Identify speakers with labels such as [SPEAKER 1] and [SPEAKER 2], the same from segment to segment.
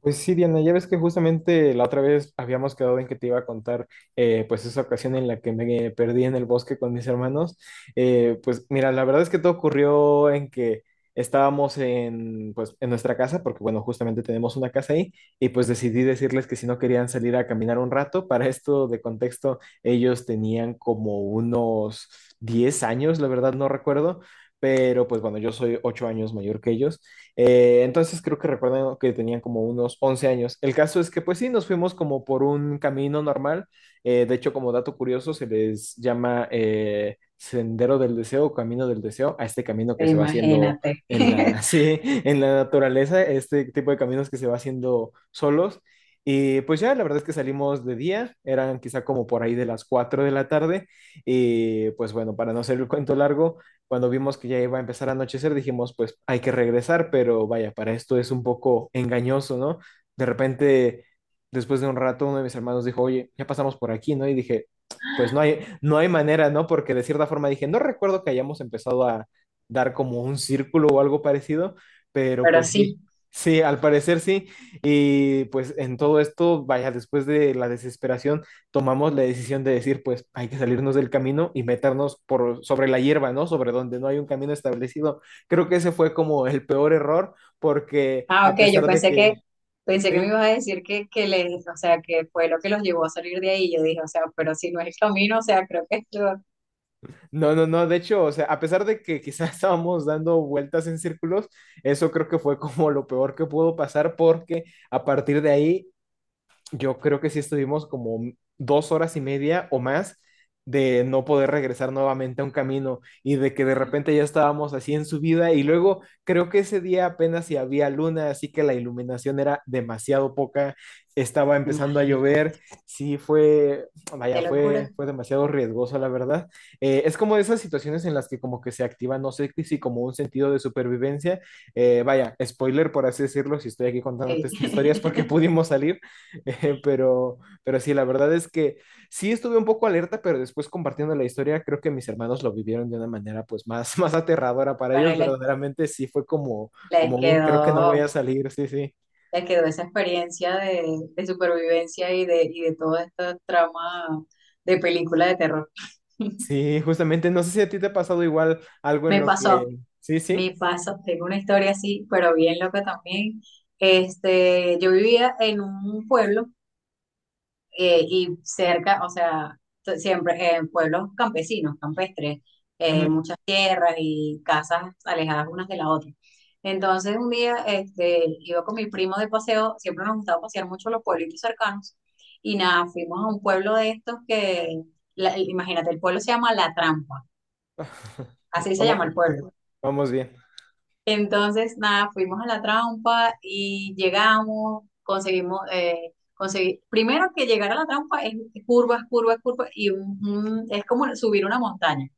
[SPEAKER 1] Pues sí, Diana, ya ves que justamente la otra vez habíamos quedado en que te iba a contar, pues esa ocasión en la que me perdí en el bosque con mis hermanos. Pues mira, la verdad es que todo ocurrió en que estábamos en, pues, en nuestra casa, porque bueno, justamente tenemos una casa ahí, y pues decidí decirles que si no querían salir a caminar un rato. Para esto de contexto, ellos tenían como unos 10 años, la verdad no recuerdo, pero pues bueno, yo soy 8 años mayor que ellos. Entonces creo que recuerdan que tenían como unos 11 años. El caso es que pues sí, nos fuimos como por un camino normal. De hecho, como dato curioso, se les llama Sendero del Deseo o Camino del Deseo a este camino que se va haciendo
[SPEAKER 2] Imagínate.
[SPEAKER 1] en la, sí, en la naturaleza, este tipo de caminos que se va haciendo solos. Y pues ya, la verdad es que salimos de día, eran quizá como por ahí de las 4 de la tarde. Y pues bueno, para no hacer el cuento largo, cuando vimos que ya iba a empezar a anochecer, dijimos, pues hay que regresar, pero vaya, para esto es un poco engañoso, ¿no? De repente, después de un rato, uno de mis hermanos dijo, oye, ya pasamos por aquí, ¿no? Y dije, pues no hay manera, ¿no? Porque de cierta forma dije, no recuerdo que hayamos empezado a dar como un círculo o algo parecido, pero
[SPEAKER 2] Pero
[SPEAKER 1] pues sí.
[SPEAKER 2] sí.
[SPEAKER 1] Sí, al parecer sí. Y pues en todo esto, vaya, después de la desesperación, tomamos la decisión de decir, pues hay que salirnos del camino y meternos por sobre la hierba, ¿no? Sobre donde no hay un camino establecido. Creo que ese fue como el peor error porque
[SPEAKER 2] Ah,
[SPEAKER 1] a
[SPEAKER 2] ok, yo
[SPEAKER 1] pesar de
[SPEAKER 2] pensé
[SPEAKER 1] que,
[SPEAKER 2] pensé que me
[SPEAKER 1] sí,
[SPEAKER 2] ibas a decir que les, o sea, que fue lo que los llevó a salir de ahí. Yo dije, o sea, pero si no es el camino, o sea, creo que esto.
[SPEAKER 1] no, no, no, de hecho, o sea, a pesar de que quizás estábamos dando vueltas en círculos, eso creo que fue como lo peor que pudo pasar porque a partir de ahí yo creo que sí estuvimos como 2 horas y media o más de no poder regresar nuevamente a un camino. Y de que de repente ya estábamos así en subida y luego creo que ese día apenas si había luna, así que la iluminación era demasiado poca, estaba empezando a
[SPEAKER 2] Imagínate.
[SPEAKER 1] llover, sí fue, vaya,
[SPEAKER 2] Qué
[SPEAKER 1] fue,
[SPEAKER 2] locura.
[SPEAKER 1] fue demasiado riesgoso la verdad. Es como de esas situaciones en las que como que se activa, no sé si como un sentido de supervivencia, vaya, spoiler por así decirlo, si estoy aquí contándote
[SPEAKER 2] Sí.
[SPEAKER 1] estas historias porque pudimos salir. Pero, pero sí, la verdad es que sí estuve un poco alerta, pero después compartiendo la historia, creo que mis hermanos lo vivieron de una manera pues más, más aterradora. Para
[SPEAKER 2] Bueno,
[SPEAKER 1] ellos verdaderamente sí fue como,
[SPEAKER 2] les
[SPEAKER 1] como un creo que no voy a
[SPEAKER 2] quedó,
[SPEAKER 1] salir, sí, sí.
[SPEAKER 2] les quedó esa experiencia de supervivencia y de todo este trama de película de terror.
[SPEAKER 1] Sí, justamente, no sé si a ti te ha pasado igual algo en
[SPEAKER 2] Me
[SPEAKER 1] lo que...
[SPEAKER 2] pasó,
[SPEAKER 1] Sí, sí.
[SPEAKER 2] Mi paso, tengo una historia así, pero bien loca también. Este, yo vivía en un pueblo y cerca, o sea, siempre en pueblos campesinos, campestres,
[SPEAKER 1] Ujú.
[SPEAKER 2] muchas tierras y casas alejadas unas de la otra. Entonces un día este, iba con mi primo de paseo, siempre nos gustaba pasear mucho los pueblitos cercanos y nada, fuimos a un pueblo de estos que, imagínate, el pueblo se llama La Trampa, así se
[SPEAKER 1] Vamos,
[SPEAKER 2] llama el pueblo.
[SPEAKER 1] vamos bien.
[SPEAKER 2] Entonces, nada, fuimos a La Trampa y llegamos, conseguimos, conseguir, primero que llegar a La Trampa es curvas, curvas, curvas, y es como subir una montaña.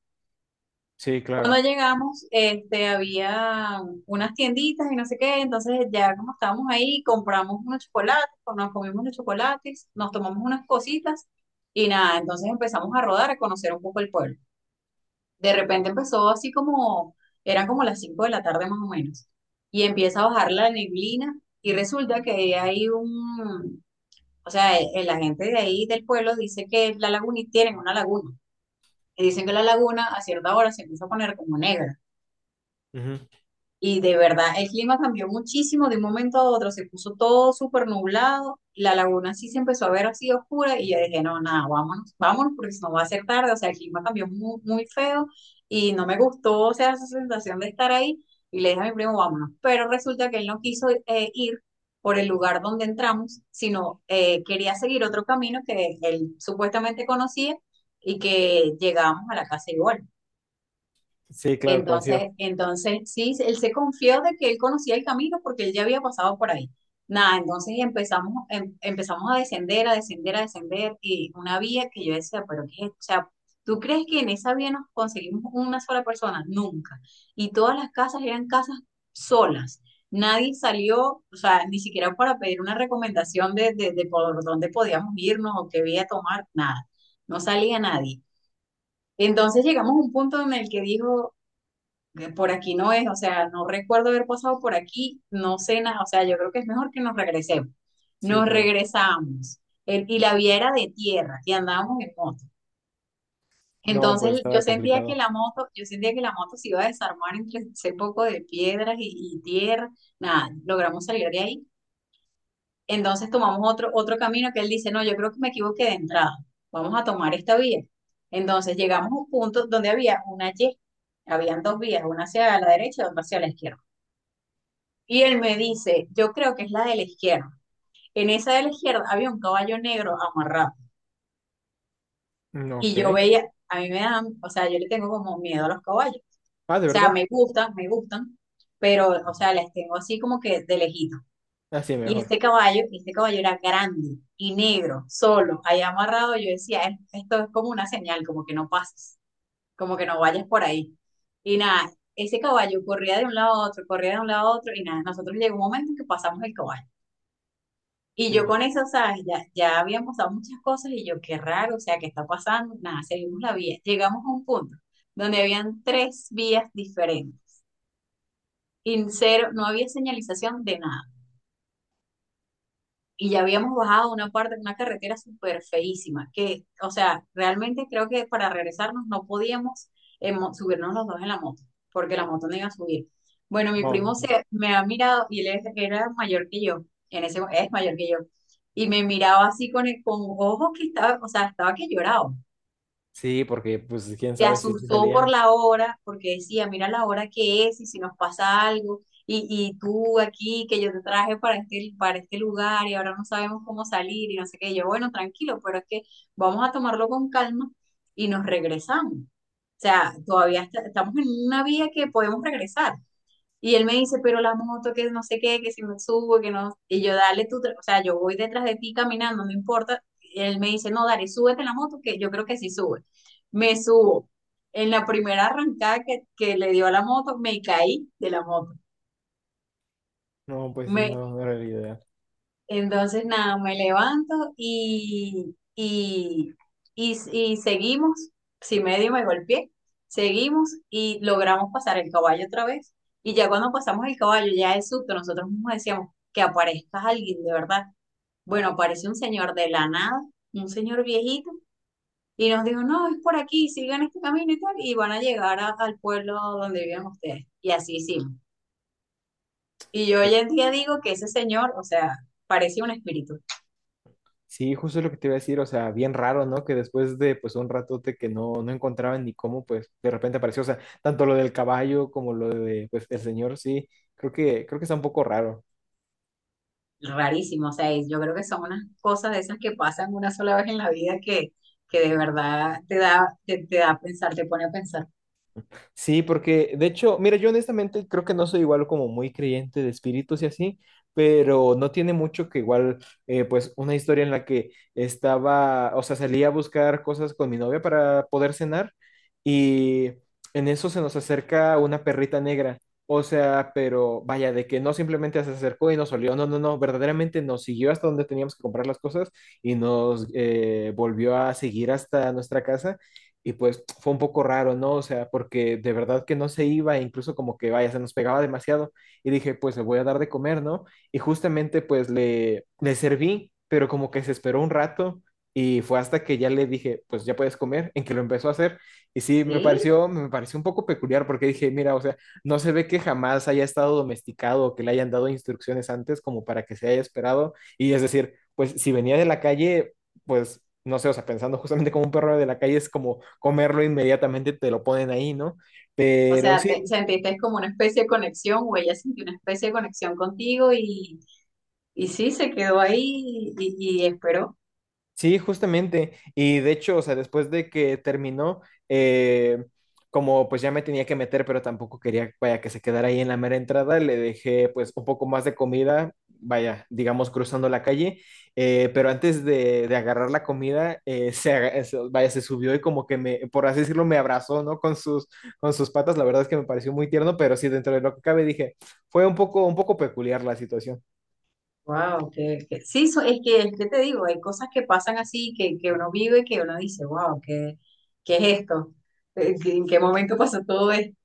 [SPEAKER 1] Sí,
[SPEAKER 2] Cuando
[SPEAKER 1] claro.
[SPEAKER 2] llegamos, este, había unas tienditas y no sé qué, entonces ya como estábamos ahí, compramos unos chocolates, nos comimos unos chocolates, nos tomamos unas cositas y nada, entonces empezamos a rodar, a conocer un poco el pueblo. De repente empezó así como, eran como las 5 de la tarde más o menos, y empieza a bajar la neblina y resulta que hay un, o sea, la gente de ahí del pueblo dice que la laguna, tienen una laguna, y dicen que la laguna a cierta hora se empieza a poner como negra.
[SPEAKER 1] Ujú.
[SPEAKER 2] Y de verdad, el clima cambió muchísimo de un momento a otro, se puso todo súper nublado, la laguna sí se empezó a ver así oscura y yo dije, no, nada, vámonos, vámonos porque si no va a ser tarde, o sea, el clima cambió muy, muy feo y no me gustó, o sea, esa sensación de estar ahí y le dije a mi primo, vámonos, pero resulta que él no quiso ir por el lugar donde entramos, sino quería seguir otro camino que él supuestamente conocía y que llegábamos a la casa igual.
[SPEAKER 1] Sí, claro, confío.
[SPEAKER 2] Entonces sí, él se confió de que él conocía el camino porque él ya había pasado por ahí. Nada, entonces empezamos, empezamos a descender, a descender, a descender, y una vía que yo decía, pero qué, ¿es esto? O sea, ¿tú crees que en esa vía nos conseguimos una sola persona? Nunca. Y todas las casas eran casas solas. Nadie salió, o sea, ni siquiera para pedir una recomendación de por dónde podíamos irnos o qué vía tomar, nada. No salía nadie. Entonces llegamos a un punto en el que dijo, que por aquí no es, o sea, no recuerdo haber pasado por aquí, no sé nada, o sea, yo creo que es mejor que nos regresemos.
[SPEAKER 1] Sí,
[SPEAKER 2] Nos
[SPEAKER 1] claro.
[SPEAKER 2] regresamos y la vía era de tierra y andábamos en moto.
[SPEAKER 1] No, pues
[SPEAKER 2] Entonces
[SPEAKER 1] estaba complicado.
[SPEAKER 2] yo sentía que la moto se iba a desarmar entre ese poco de piedras y tierra, nada, logramos salir de ahí. Entonces tomamos otro camino que él dice, no, yo creo que me equivoqué de entrada, vamos a tomar esta vía. Entonces llegamos a un punto donde había una Y, habían dos vías, una hacia la derecha y otra hacia la izquierda. Y él me dice, yo creo que es la de la izquierda. En esa de la izquierda había un caballo negro amarrado.
[SPEAKER 1] Mm,
[SPEAKER 2] Y yo
[SPEAKER 1] ok.
[SPEAKER 2] veía, a mí me dan, o sea, yo le tengo como miedo a los caballos.
[SPEAKER 1] Ah, ¿de
[SPEAKER 2] O sea,
[SPEAKER 1] verdad?
[SPEAKER 2] me gustan, pero, o sea, les tengo así como que de lejito.
[SPEAKER 1] Así
[SPEAKER 2] Y
[SPEAKER 1] mejor.
[SPEAKER 2] este caballo era grande y negro, solo, ahí amarrado. Yo decía, esto es como una señal, como que no pases, como que no vayas por ahí." Y nada, ese caballo corría de un lado a otro, corría de un lado a otro, y nada, nosotros llegó un momento en que pasamos el caballo. Y
[SPEAKER 1] Sí,
[SPEAKER 2] yo
[SPEAKER 1] sí.
[SPEAKER 2] con eso, ¿sabes? Ya, ya habíamos dado muchas cosas y yo, qué raro, o sea, ¿qué está pasando? Nada, seguimos la vía. Llegamos a un punto donde habían tres vías diferentes y cero, no había señalización de nada. Y ya habíamos bajado una parte de una carretera súper feísima, que, o sea, realmente creo que para regresarnos no podíamos subirnos los dos en la moto, porque la moto no iba a subir. Bueno, mi
[SPEAKER 1] No.
[SPEAKER 2] primo se me ha mirado y él era mayor que yo, en ese es mayor que yo, y me miraba así con, con ojos que estaba, o sea, estaba que lloraba,
[SPEAKER 1] Sí, porque pues quién
[SPEAKER 2] se
[SPEAKER 1] sabe si sí
[SPEAKER 2] asustó por
[SPEAKER 1] salían.
[SPEAKER 2] la hora, porque decía, mira la hora que es y si nos pasa algo, y tú aquí, que yo te traje para este lugar y ahora no sabemos cómo salir y no sé qué. Y yo, bueno, tranquilo, pero es que vamos a tomarlo con calma y nos regresamos. O sea, todavía estamos en una vía que podemos regresar. Y él me dice, pero la moto, que no sé qué, que si me subo, que no. Y yo, dale tú, o sea, yo voy detrás de ti caminando, no importa. Y él me dice, no, dale, súbete en la moto, que yo creo que sí sube. Me subo. En la primera arrancada que le dio a la moto, me caí de la moto.
[SPEAKER 1] No, pues sí,
[SPEAKER 2] Me,
[SPEAKER 1] no, no era la idea.
[SPEAKER 2] Entonces, nada, me levanto y seguimos. Si medio me golpeé, seguimos y logramos pasar el caballo otra vez. Y ya cuando pasamos el caballo, ya es susto, nosotros mismos decíamos que aparezca alguien de verdad. Bueno, aparece un señor de la nada, un señor viejito, y nos dijo, no, es por aquí, sigan este camino y tal, y van a llegar al pueblo donde viven ustedes. Y así hicimos. Y yo
[SPEAKER 1] Pues,
[SPEAKER 2] hoy en día digo que ese señor, o sea, parecía un espíritu.
[SPEAKER 1] sí, justo lo que te iba a decir, o sea, bien raro, ¿no? Que después de pues un ratote que no, no encontraban ni cómo, pues de repente apareció, o sea, tanto lo del caballo como lo de pues el señor, sí, creo que está un poco raro.
[SPEAKER 2] Rarísimo. O sea, yo creo que son unas cosas de esas que pasan una sola vez en la vida que de verdad te da, te da a pensar, te pone a pensar.
[SPEAKER 1] Sí, porque de hecho, mira, yo honestamente creo que no soy igual como muy creyente de espíritus y así, pero no tiene mucho que igual, pues una historia en la que estaba, o sea, salía a buscar cosas con mi novia para poder cenar y en eso se nos acerca una perrita negra, o sea, pero vaya, de que no simplemente se acercó y nos olió, no, no, no, verdaderamente nos siguió hasta donde teníamos que comprar las cosas y nos volvió a seguir hasta nuestra casa. Y pues fue un poco raro, ¿no? O sea, porque de verdad que no se iba, e incluso como que vaya, se nos pegaba demasiado. Y dije, pues le voy a dar de comer, ¿no? Y justamente pues le serví, pero como que se esperó un rato y fue hasta que ya le dije, pues ya puedes comer, en que lo empezó a hacer. Y sí,
[SPEAKER 2] Sí,
[SPEAKER 1] me pareció un poco peculiar porque dije, mira, o sea, no se ve que jamás haya estado domesticado o que le hayan dado instrucciones antes como para que se haya esperado. Y es decir, pues si venía de la calle, pues, no sé, o sea, pensando justamente como un perro de la calle es como comerlo inmediatamente, te lo ponen ahí, ¿no?
[SPEAKER 2] o
[SPEAKER 1] Pero
[SPEAKER 2] sea,
[SPEAKER 1] sí.
[SPEAKER 2] sentiste como una especie de conexión o ella sintió una especie de conexión contigo y sí, se quedó ahí y esperó.
[SPEAKER 1] Sí, justamente. Y de hecho, o sea, después de que terminó, eh, como pues ya me tenía que meter, pero tampoco quería, vaya, que se quedara ahí en la mera entrada, le dejé pues un poco más de comida, vaya, digamos, cruzando la calle. Pero antes de agarrar la comida, vaya, se subió y como que me, por así decirlo, me abrazó, ¿no? Con sus patas. La verdad es que me pareció muy tierno, pero sí, dentro de lo que cabe, dije, fue un poco peculiar la situación.
[SPEAKER 2] Wow, sí, es que te digo, hay cosas que pasan así, que uno vive, que uno dice, wow, ¿qué, qué es esto? ¿En qué momento pasó todo esto?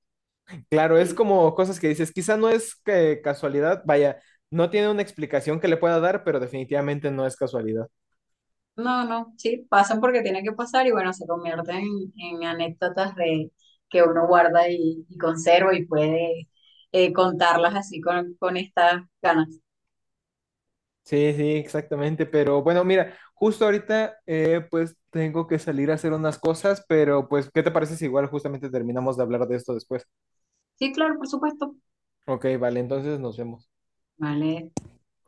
[SPEAKER 1] Claro, es como cosas que dices, quizá no es que casualidad, vaya, no tiene una explicación que le pueda dar, pero definitivamente no es casualidad.
[SPEAKER 2] No, no, sí, pasan porque tienen que pasar y bueno, se convierten en anécdotas de que uno guarda y conserva y puede contarlas así con estas ganas.
[SPEAKER 1] Sí, sí, exactamente, pero bueno, mira, justo ahorita pues tengo que salir a hacer unas cosas, pero pues, ¿qué te parece si igual justamente terminamos de hablar de esto después?
[SPEAKER 2] Sí, claro, por supuesto.
[SPEAKER 1] Ok, vale, entonces nos vemos.
[SPEAKER 2] Vale,